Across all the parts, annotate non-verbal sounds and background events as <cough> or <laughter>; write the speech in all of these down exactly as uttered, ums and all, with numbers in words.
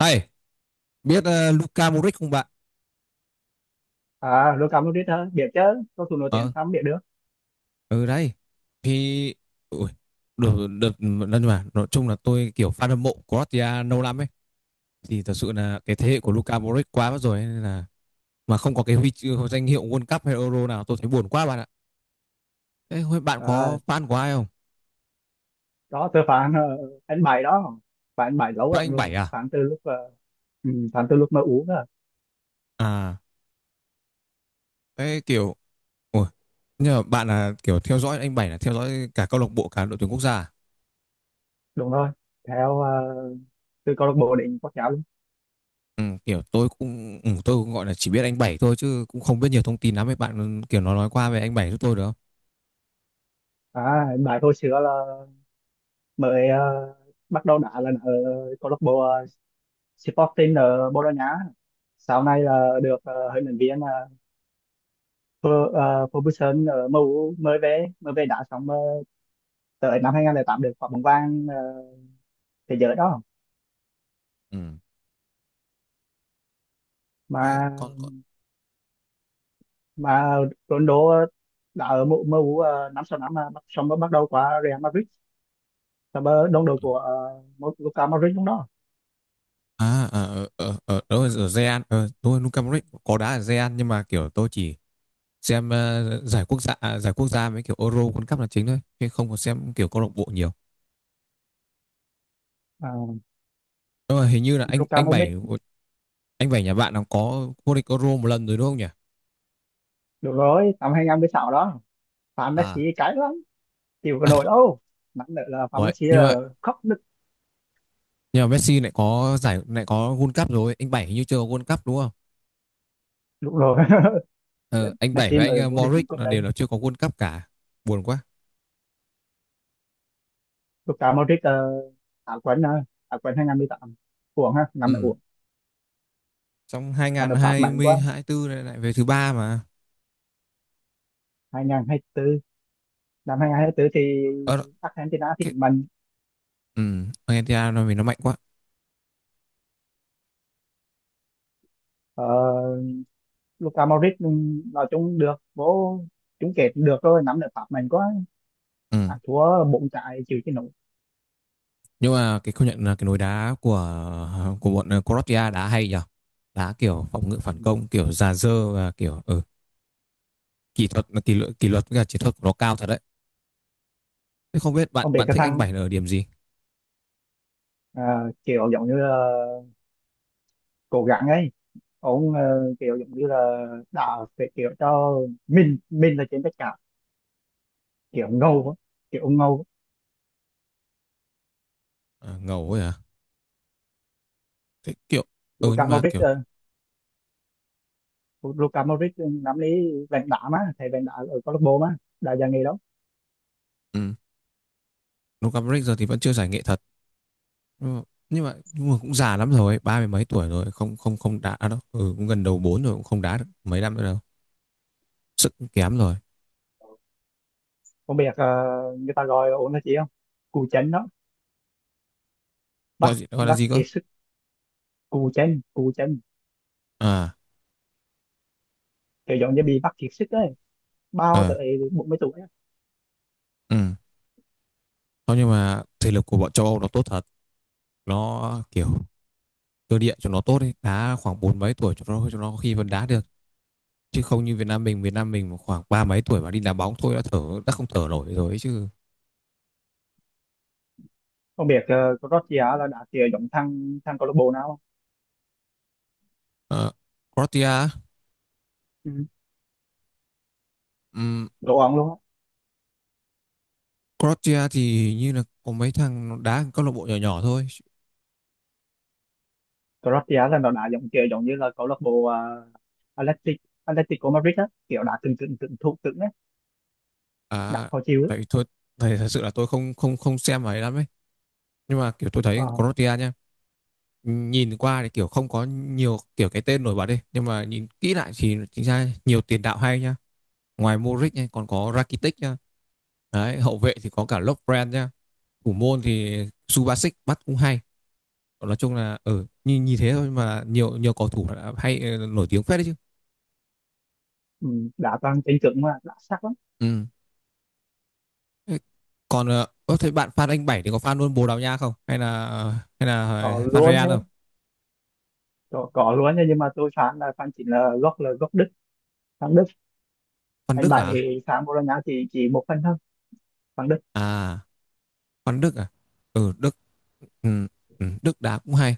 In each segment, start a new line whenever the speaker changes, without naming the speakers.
Này, biết ờ, Luka Modric không bạn?
À, Lưu cảm logic hả? Biết chứ, cầu thủ nổi tiếng
Ờ,
sao không biết được.
ừ đấy. Thì ui, được được, nhưng mà nói chung là tôi kiểu fan hâm mộ Croatia lâu lắm ấy, thì thật sự là cái thế hệ của
Ừ.
Luka Modric quá mất rồi ấy, nên là mà không có cái huy chương danh hiệu World Cup hay Euro nào, tôi thấy buồn quá bạn ạ. Thế hôm bạn có
À,
fan của ai không?
đó tôi phán ờ, anh bảy đó, phán anh bảy lâu
Fan
lắm
anh Bảy
rồi,
à?
phán từ lúc ờ, ừ, phán từ lúc mà uống à.
À, thế kiểu ui, nhưng mà bạn là kiểu theo dõi anh Bảy là theo dõi cả câu lạc bộ, cả đội tuyển quốc gia à?
Đúng rồi, theo ờ, từ câu lạc bộ đến quốc gia luôn.
Ừ, kiểu tôi cũng ừ, tôi cũng gọi là chỉ biết anh Bảy thôi, chứ cũng không biết nhiều thông tin lắm ấy. Bạn kiểu nó nói qua về anh Bảy giúp tôi được không?
À, anh bảy hồi xưa là mới ờ, bắt đầu đá là ở câu lạc bộ ờ, Sporting ở Bồ Đào Nha, sau này là được ờ, huấn luyện viên uh, Ferguson ở em u mới về, mới về đá xong ờ, tới năm hai không không tám được quả bóng vàng ờ, thế giới đó.
Ừ. Thế
mà
còn còn-
mà Ronaldo ờ, đã ở mu- em u ờ, năm sáu năm, mà bắt- xong mới bắt đầu qua Real Madrid, xong mới đồng đội của uh, Luka Modric lúc đó.
à, à ở ở ở ở, ở Zean, ờ, tôi Luka Modric có đá ở Zean, nhưng mà kiểu tôi chỉ xem ờ, giải quốc gia à, giải quốc gia với kiểu Euro World Cup là chính thôi, chứ không có xem kiểu câu lạc bộ nhiều.
uh,
Nhưng mà hình như là anh
Luka
anh Bảy
Modric,
anh Bảy nhà bạn nó có vô địch Euro một lần rồi đúng không nhỉ?
đúng rồi, năm hai không một sáu đó. Phạm Messi
À,
cái lắm, chịu cái nổi đâu, nặng nữa là Phạm
vậy
Messi
nhưng mà,
ờ, khóc nức.
nhưng mà Messi lại có giải, lại có World Cup rồi, anh Bảy hình như chưa có World Cup đúng không?
Đúng rồi. <laughs>
Ờ, anh Bảy
Messi
với anh
mới
ờ,
vô địch chung
Morrick
cúp
là đều
đấy.
là chưa có World Cup cả. Buồn quá.
Luka Modric uh, á quân, uh, á quân hai không một tám, uổng ha, năm nay
Ừ.
uổng.
Trong hai
Năm
không
nay Pháp
hai không
mạnh quá.
hai tư này lại về thứ ba mà.
hai không hai tư, năm hai không hai tư thì
Ờ đó,
Argentina
cái,
thịnh mạnh.
ừ, Argentina nó vì nó mạnh quá.
Ờ, Luka Modric ừ, nói chung được vô chung kết được rồi, nắm được Pháp mình có
Ừ.
ăn thua bốn trái chịu chứ nổi.
Nhưng mà cái, công nhận là cái nối đá của của bọn, ờ, Croatia đá hay nhở. Đá kiểu phòng ngự phản công, kiểu già dơ, và kiểu, ừ, kỹ thuật, kỷ luật, kỷ luật với cả chiến thuật của nó cao thật đấy. Thế không biết bạn
Không biết
bạn
cái
thích anh
thằng
Bảy là ở điểm gì?
ờ, kiểu giống như là cố gắng ấy, ông ờ, kiểu giống như là đã phải kiểu cho mình mình là trên tất cả, kiểu ngầu á, kiểu ngầu á.
À, ngầu ấy à? Thế kiểu, ừ
Luka
nhưng mà
Modric
kiểu,
ờ, Luka Modric nắm lấy vàng đá, mà thầy vàng đá ở câu lạc bộ mà đã già nghỉ đó.
ừ, Luka Modric giờ thì vẫn chưa giải nghệ thật. Ừ. Nhưng mà nhưng mà cũng già lắm rồi ấy, ba mươi mấy tuổi rồi, không không không đá đâu, ừ, cũng gần đầu bốn rồi, cũng không đá được mấy năm nữa đâu, sức cũng kém rồi.
Không biết ờ, người ta gọi ổn là gì không, cù chân đó,
Gọi
bắt
gì, gọi là
bắt
gì cơ?
kiệt sức. Cù chân, cù chân,
À,
kiểu giống như bị mắc kiệt sức ấy, bao
ờ
tới bốn mươi tuổi á.
ừ, thôi nhưng mà thể lực của bọn châu Âu nó tốt thật, nó kiểu
Ừ.
cơ địa cho nó tốt ấy, đá khoảng bốn mấy tuổi cho nó cho nó có khi vẫn đá được, chứ không như Việt Nam mình Việt Nam mình mà khoảng ba mấy tuổi mà đi đá bóng thôi đã thở đã không thở nổi rồi ấy chứ.
Không biết uh, Croatia là đá kiểu giống thằng thằng câu lạc bộ nào không?
Ờ, Croatia á?
Ừ.
ừm,
Đồ ông luôn á.
Croatia thì hình như là có mấy thằng nó đá ở câu lạc bộ nhỏ nhỏ thôi.
Croatia là nó đá giống kiểu giống như là câu lạc bộ à, Athletic Atletico Madrid á, kiểu đá cứng, cứng cứng thủ cứng á, đá
À,
khó chịu á.
tại thôi, thầy thật sự là tôi không không không xem ấy lắm ấy. Nhưng mà kiểu tôi thấy
Ờ,
Croatia nha, nhìn qua thì kiểu không có nhiều kiểu cái tên nổi bật đi, nhưng mà nhìn kỹ lại thì chính ra nhiều tiền đạo hay nha. Ngoài Modric nha, còn có Rakitic nha. Đấy, hậu vệ thì có cả Lovren nha. Thủ môn thì Subasic bắt cũng hay. Nói chung là ở, ừ, nhìn, nhìn thế thôi mà nhiều nhiều cầu thủ đã hay, ờ, nổi tiếng phết đấy chứ.
ừ, đá toàn cứng cứng mà đá sắc lắm.
Ừ. Thế còn, ờ, ơ, thế bạn fan anh Bảy thì có fan luôn Bồ Đào Nha không? Hay là, hay là
Có
fan
luôn
Real
nhá.
không?
có, có luôn nhá, nhưng mà tôi phán là phán chính là gốc là gốc Đức, thằng Đức.
Fan
Anh
Đức à?
bảy phán Bologna chỉ chỉ một phần thôi, thằng Đức.
À, fan Đức à? Ừ, Đức ừ, ừ, Đức đá cũng hay.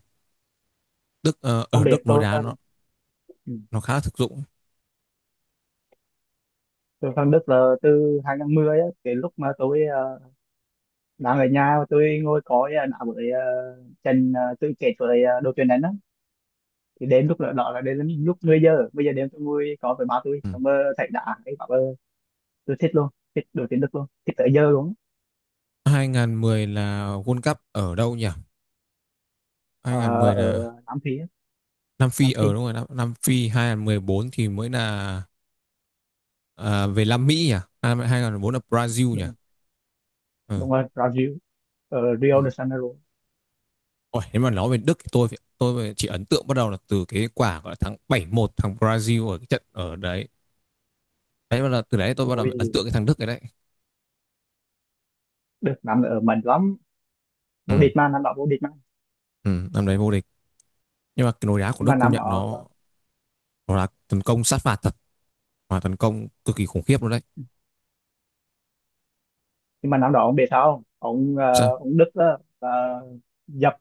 Đức, ờ,
Không
ở
biết
Đức nối
tôi
đá nó
ừ.
nó khá là thực dụng.
Tôi sang Đức là từ hai không một không á, cái lúc mà tôi ờ, đang ở nhà, tôi ngồi coi ờ, đá với uh, Trần uh, tôi kể với ờ, đội tuyển anh á, thì đến lúc đó, đó là đến lúc mười giờ bây giờ đêm, tôi ngồi coi với ba tôi,
Ừ.
xong rồi thấy đá cái bảo ờ, tôi thích luôn, thích đội tuyển Đức luôn, thích tới giờ luôn.
hai không một không là World Cup ở đâu nhỉ?
Ờ,
hai không một không là
ở Nam Phi á.
Nam Phi,
Nam Phi,
ở đúng rồi. Nam, Nam Phi hai không một bốn thì mới là, à, về Nam Mỹ nhỉ? À, hai không một bốn là Brazil nhỉ?
đúng rồi.
Ừ.
Đúng rồi, Brazil, ở
Ừ.
Rio de Janeiro.
Ôi, nếu mà nói về Đức thì tôi phải- tôi chỉ ấn tượng bắt đầu là từ cái quả gọi là thắng bảy một thằng Brazil ở cái trận ở đấy. Đấy, bắt đầu từ đấy tôi bắt đầu ấn
Ui,
tượng cái thằng Đức cái đấy.
Đức năm ở mạnh lắm, vô
Ừ,
địch mà, năm đó vô địch mà.
ừ, năm đấy vô địch. Nhưng mà cái lối đá của
nhưng mà
Đức công
năm
nhận
đó
nó nó là tấn công sát phạt thật, và tấn công cực kỳ khủng khiếp luôn đấy.
nhưng mà năm đó ông biết sao không? Ông
Sao?
ờ, ông Đức đó là dập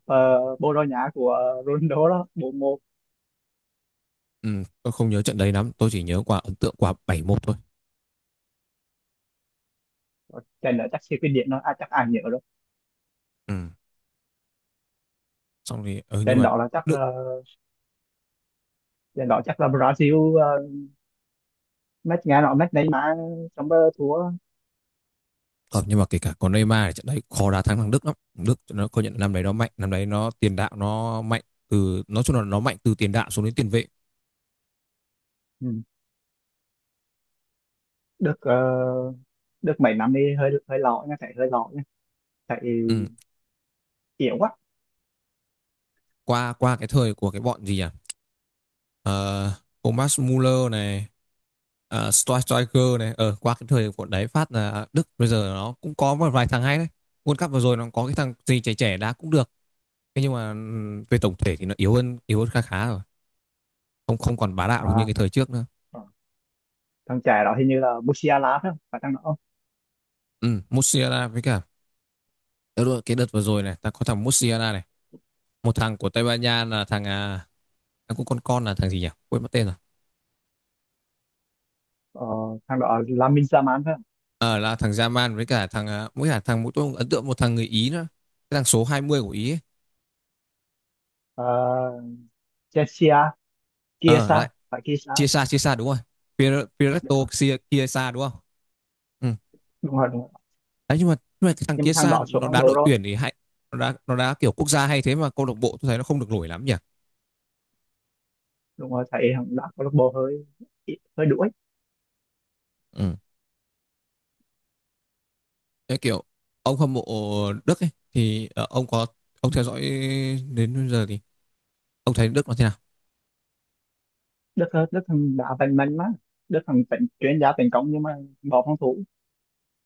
uh, Bồ Đào Nha của Ronaldo đó bốn một.
Ừ, tôi không nhớ trận đấy lắm, tôi chỉ nhớ quả ấn tượng quả bảy một thôi.
Trận đó chắc siêu kinh điển đó à, chắc ai nhớ rồi.
Ừ. Xong thì, ừ, nhưng
Trận
mà
đó là chắc
Đức
uh, trận đó chắc là Brazil ờ, match, nghe nói match Neymar trong uh, thua.
ờ, nhưng mà kể cả có Neymar thì trận đấy khó đá thắng thằng Đức lắm. Đức nó công nhận năm đấy nó mạnh, năm đấy nó tiền đạo nó mạnh, từ nói chung là nó mạnh từ tiền đạo xuống đến tiền vệ.
Ừ. Đức ờ, Đức mấy năm đi hơi hơi lọ nha, chạy hơi lọ nha, chạy
Ừ,
yếu quá.
qua qua cái thời của cái bọn gì à. Ờ, Thomas Muller này, uh, Striker này, ờ qua cái thời của đấy phát là Đức bây giờ nó cũng có một vài thằng hay đấy. World Cup vừa rồi nó có cái thằng gì trẻ trẻ đá cũng được. Thế nhưng mà ừm, về tổng thể thì nó yếu hơn, yếu hơn khá khá rồi, không không còn bá đạo được như
À,
cái thời trước nữa.
ờ. Thằng trẻ đó hình như là Musiala phải không, phải thằng đó không?
Ừ, Musiala với cả. Ờ, đúng rồi, cái đợt vừa rồi này ta có thằng Musiala này, một thằng của Tây Ban Nha là thằng, à, thằng cũng con con là thằng gì nhỉ, quên mất tên rồi.
Ờ, thằng đó là Lamine Yamal phải không?
Ờ là thằng Yaman với cả thằng, à, với cả thằng, mỗi tôi ấn tượng một thằng người Ý nữa. Cái thằng số hai mươi của Ý ấy.
Ờ, Chelsea,
Ờ,
Kiesa
lại
phải, Kiesa.
Chiesa Chiesa đúng rồi. Pir- Piretto
Ờ,
Chia- Chiesa đúng không? Ừ.
đúng rồi, đúng rồi.
Đấy, nhưng mà nhưng mà cái thằng
Nhưng mà thằng
Chiesa
đó xuống
nó
phong
đá
độ
đội
rồi.
tuyển thì hay, nó đá nó đá kiểu quốc gia hay, thế mà câu lạc bộ tôi thấy nó không được nổi lắm nhỉ.
Đúng rồi, thấy thằng đá câu lạc bộ hơi hơi đuối.
Ừ. Cái kiểu ông hâm mộ Đức ấy thì, ờ, ông có ông theo dõi đến bây giờ thì ông thấy Đức nó thế nào?
Đức Đức thằng đá bên mình mà. Đức thằng tỉnh chuyên gia tấn công nhưng mà bỏ phòng thủ,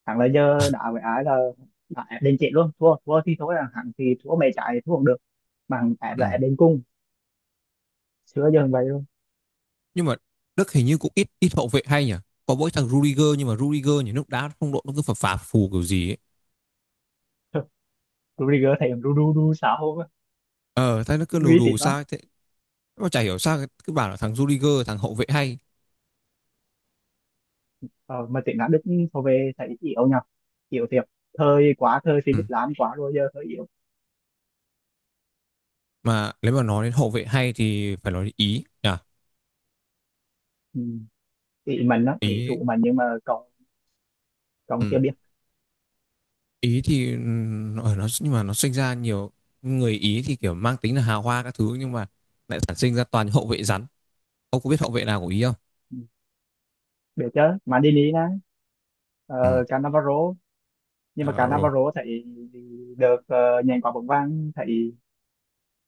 thằng là giờ đá với ai là đá ép đến chết luôn, thua thua thì thôi, là thằng thì thua mày chạy thua cũng được, mà thằng ép là
Ừ.
ép đến cùng. Xưa giờ vậy luôn.
Nhưng mà Đức hình như cũng ít ít hậu vệ hay nhỉ, có mỗi thằng Rudiger, nhưng mà Rudiger thì lúc đá phong độ nó cứ phập phà phù kiểu gì ấy.
<laughs> Rudiger thấy ru ru ru sao không á,
ờ Thế nó cứ lù
nguy
đù
tín lắm.
sao ấy. Thế mà chả hiểu sao cứ bảo là thằng Rudiger, thằng hậu vệ hay.
Ờ, mà tiếng Đức thôi, về thấy yếu nhờ, yếu thiệt, thời quá, thời
Ừ.
Philip Lahm quá rồi, giờ hơi yếu.
Mà nếu mà nói đến hậu vệ hay thì phải nói đến Ý nhỉ.
Ừ. Ý mình đó, ý
Ý.
thủ mình, nhưng mà còn còn
Ừ.
chưa biết.
Ý thì, ừ, nó, ờ, nó nhưng mà nó sinh ra nhiều, người Ý thì kiểu mang tính là hào hoa các thứ, nhưng mà lại sản sinh ra toàn những hậu vệ rắn. Ông có biết hậu vệ nào của Ý không?
Ừ, biết chứ, Maldini nè,
Ừ.
uh, cả Navarro, nhưng mà cả
Alvaro.
Navarro thấy được uh, nhận quả bóng vàng thấy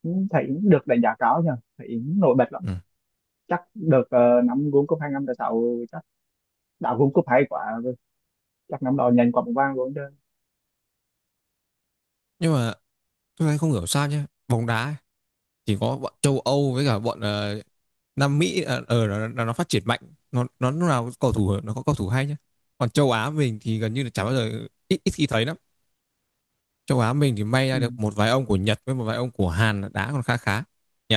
ừ, thấy được đánh giá cao nhờ, thấy nổi bật lắm.
Ừ.
Chắc được ờ, năm World Cup hai năm sáu chắc, đã World Cup hay quá, chắc năm đó nhận quả bóng vàng luôn chứ.
Nhưng mà tôi thấy không hiểu sao nhé, bóng đá chỉ có bọn châu Âu với cả bọn, ờ, Nam Mỹ, ờ ờ, nó, nó, nó phát triển mạnh. Nó nó lúc nào cầu thủ nó có cầu thủ hay nhá, còn châu Á mình thì gần như là chả bao giờ, ít ít khi thấy lắm. Châu Á mình thì may
Ừ.
ra được một vài ông của Nhật với một vài ông của Hàn là đá còn khá khá nhỉ.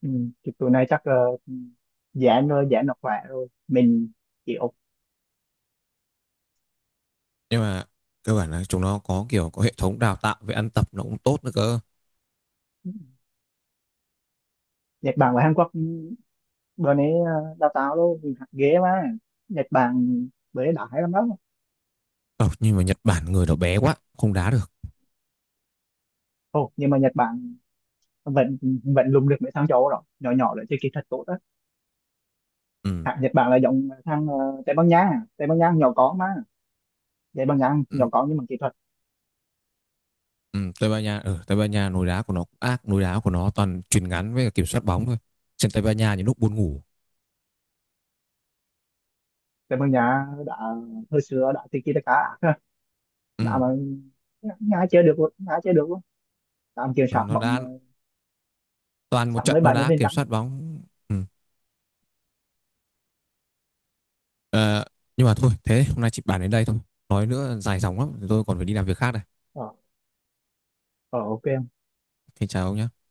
Ừ. Thì tụi này chắc uh, giãn rồi, giãn nó khỏe rồi mình chịu.
Nhưng mà cơ bản là chúng nó có kiểu có hệ thống đào tạo về ăn tập nó cũng tốt nữa cơ.
Nhật Bản và Hàn Quốc ừ, bữa nay ờ, đào tạo luôn ghế mà, Nhật Bản bữa nay đã hay lắm đó.
Ờ, nhưng mà Nhật Bản người nó bé quá không đá được,
Ồ, nhưng mà Nhật Bản vẫn vẫn lùng được mấy thằng châu Âu đó, nhỏ nhỏ đấy chơi kỹ thuật tốt đó.
ừ.
Hạng Nhật Bản là giống thằng ờ, Tây Ban Nha, Tây Ban Nha nhỏ có mà, Tây Ban Nha nhỏ
Ừ.
có nhưng mà kỹ thuật.
Ừ. Tây Ban Nha, ở Tây Ban Nha nối đá của nó cũng ác, nối đá của nó toàn chuyền ngắn với cả kiểm soát bóng thôi, trên Tây Ban Nha những lúc buồn ngủ,
Tây Ban Nha đã hồi xưa đã tiki taka ác, <laughs> đã
ừ.
mà. Nga chơi được luôn, Nga chơi được luôn, tạm kiểm soát
Nó
bóng
đã,
ờ,
toàn một
sáu
trận
mươi
nó
bảy mươi
đã
phần
kiểm
trăm
soát bóng, ừ. Ờ, nhưng mà thôi, thế hôm nay chị bàn đến đây thôi, nói nữa dài dòng lắm, tôi còn phải đi làm việc khác đây.
Ờ ờ, ok.
Xin chào ông nhá.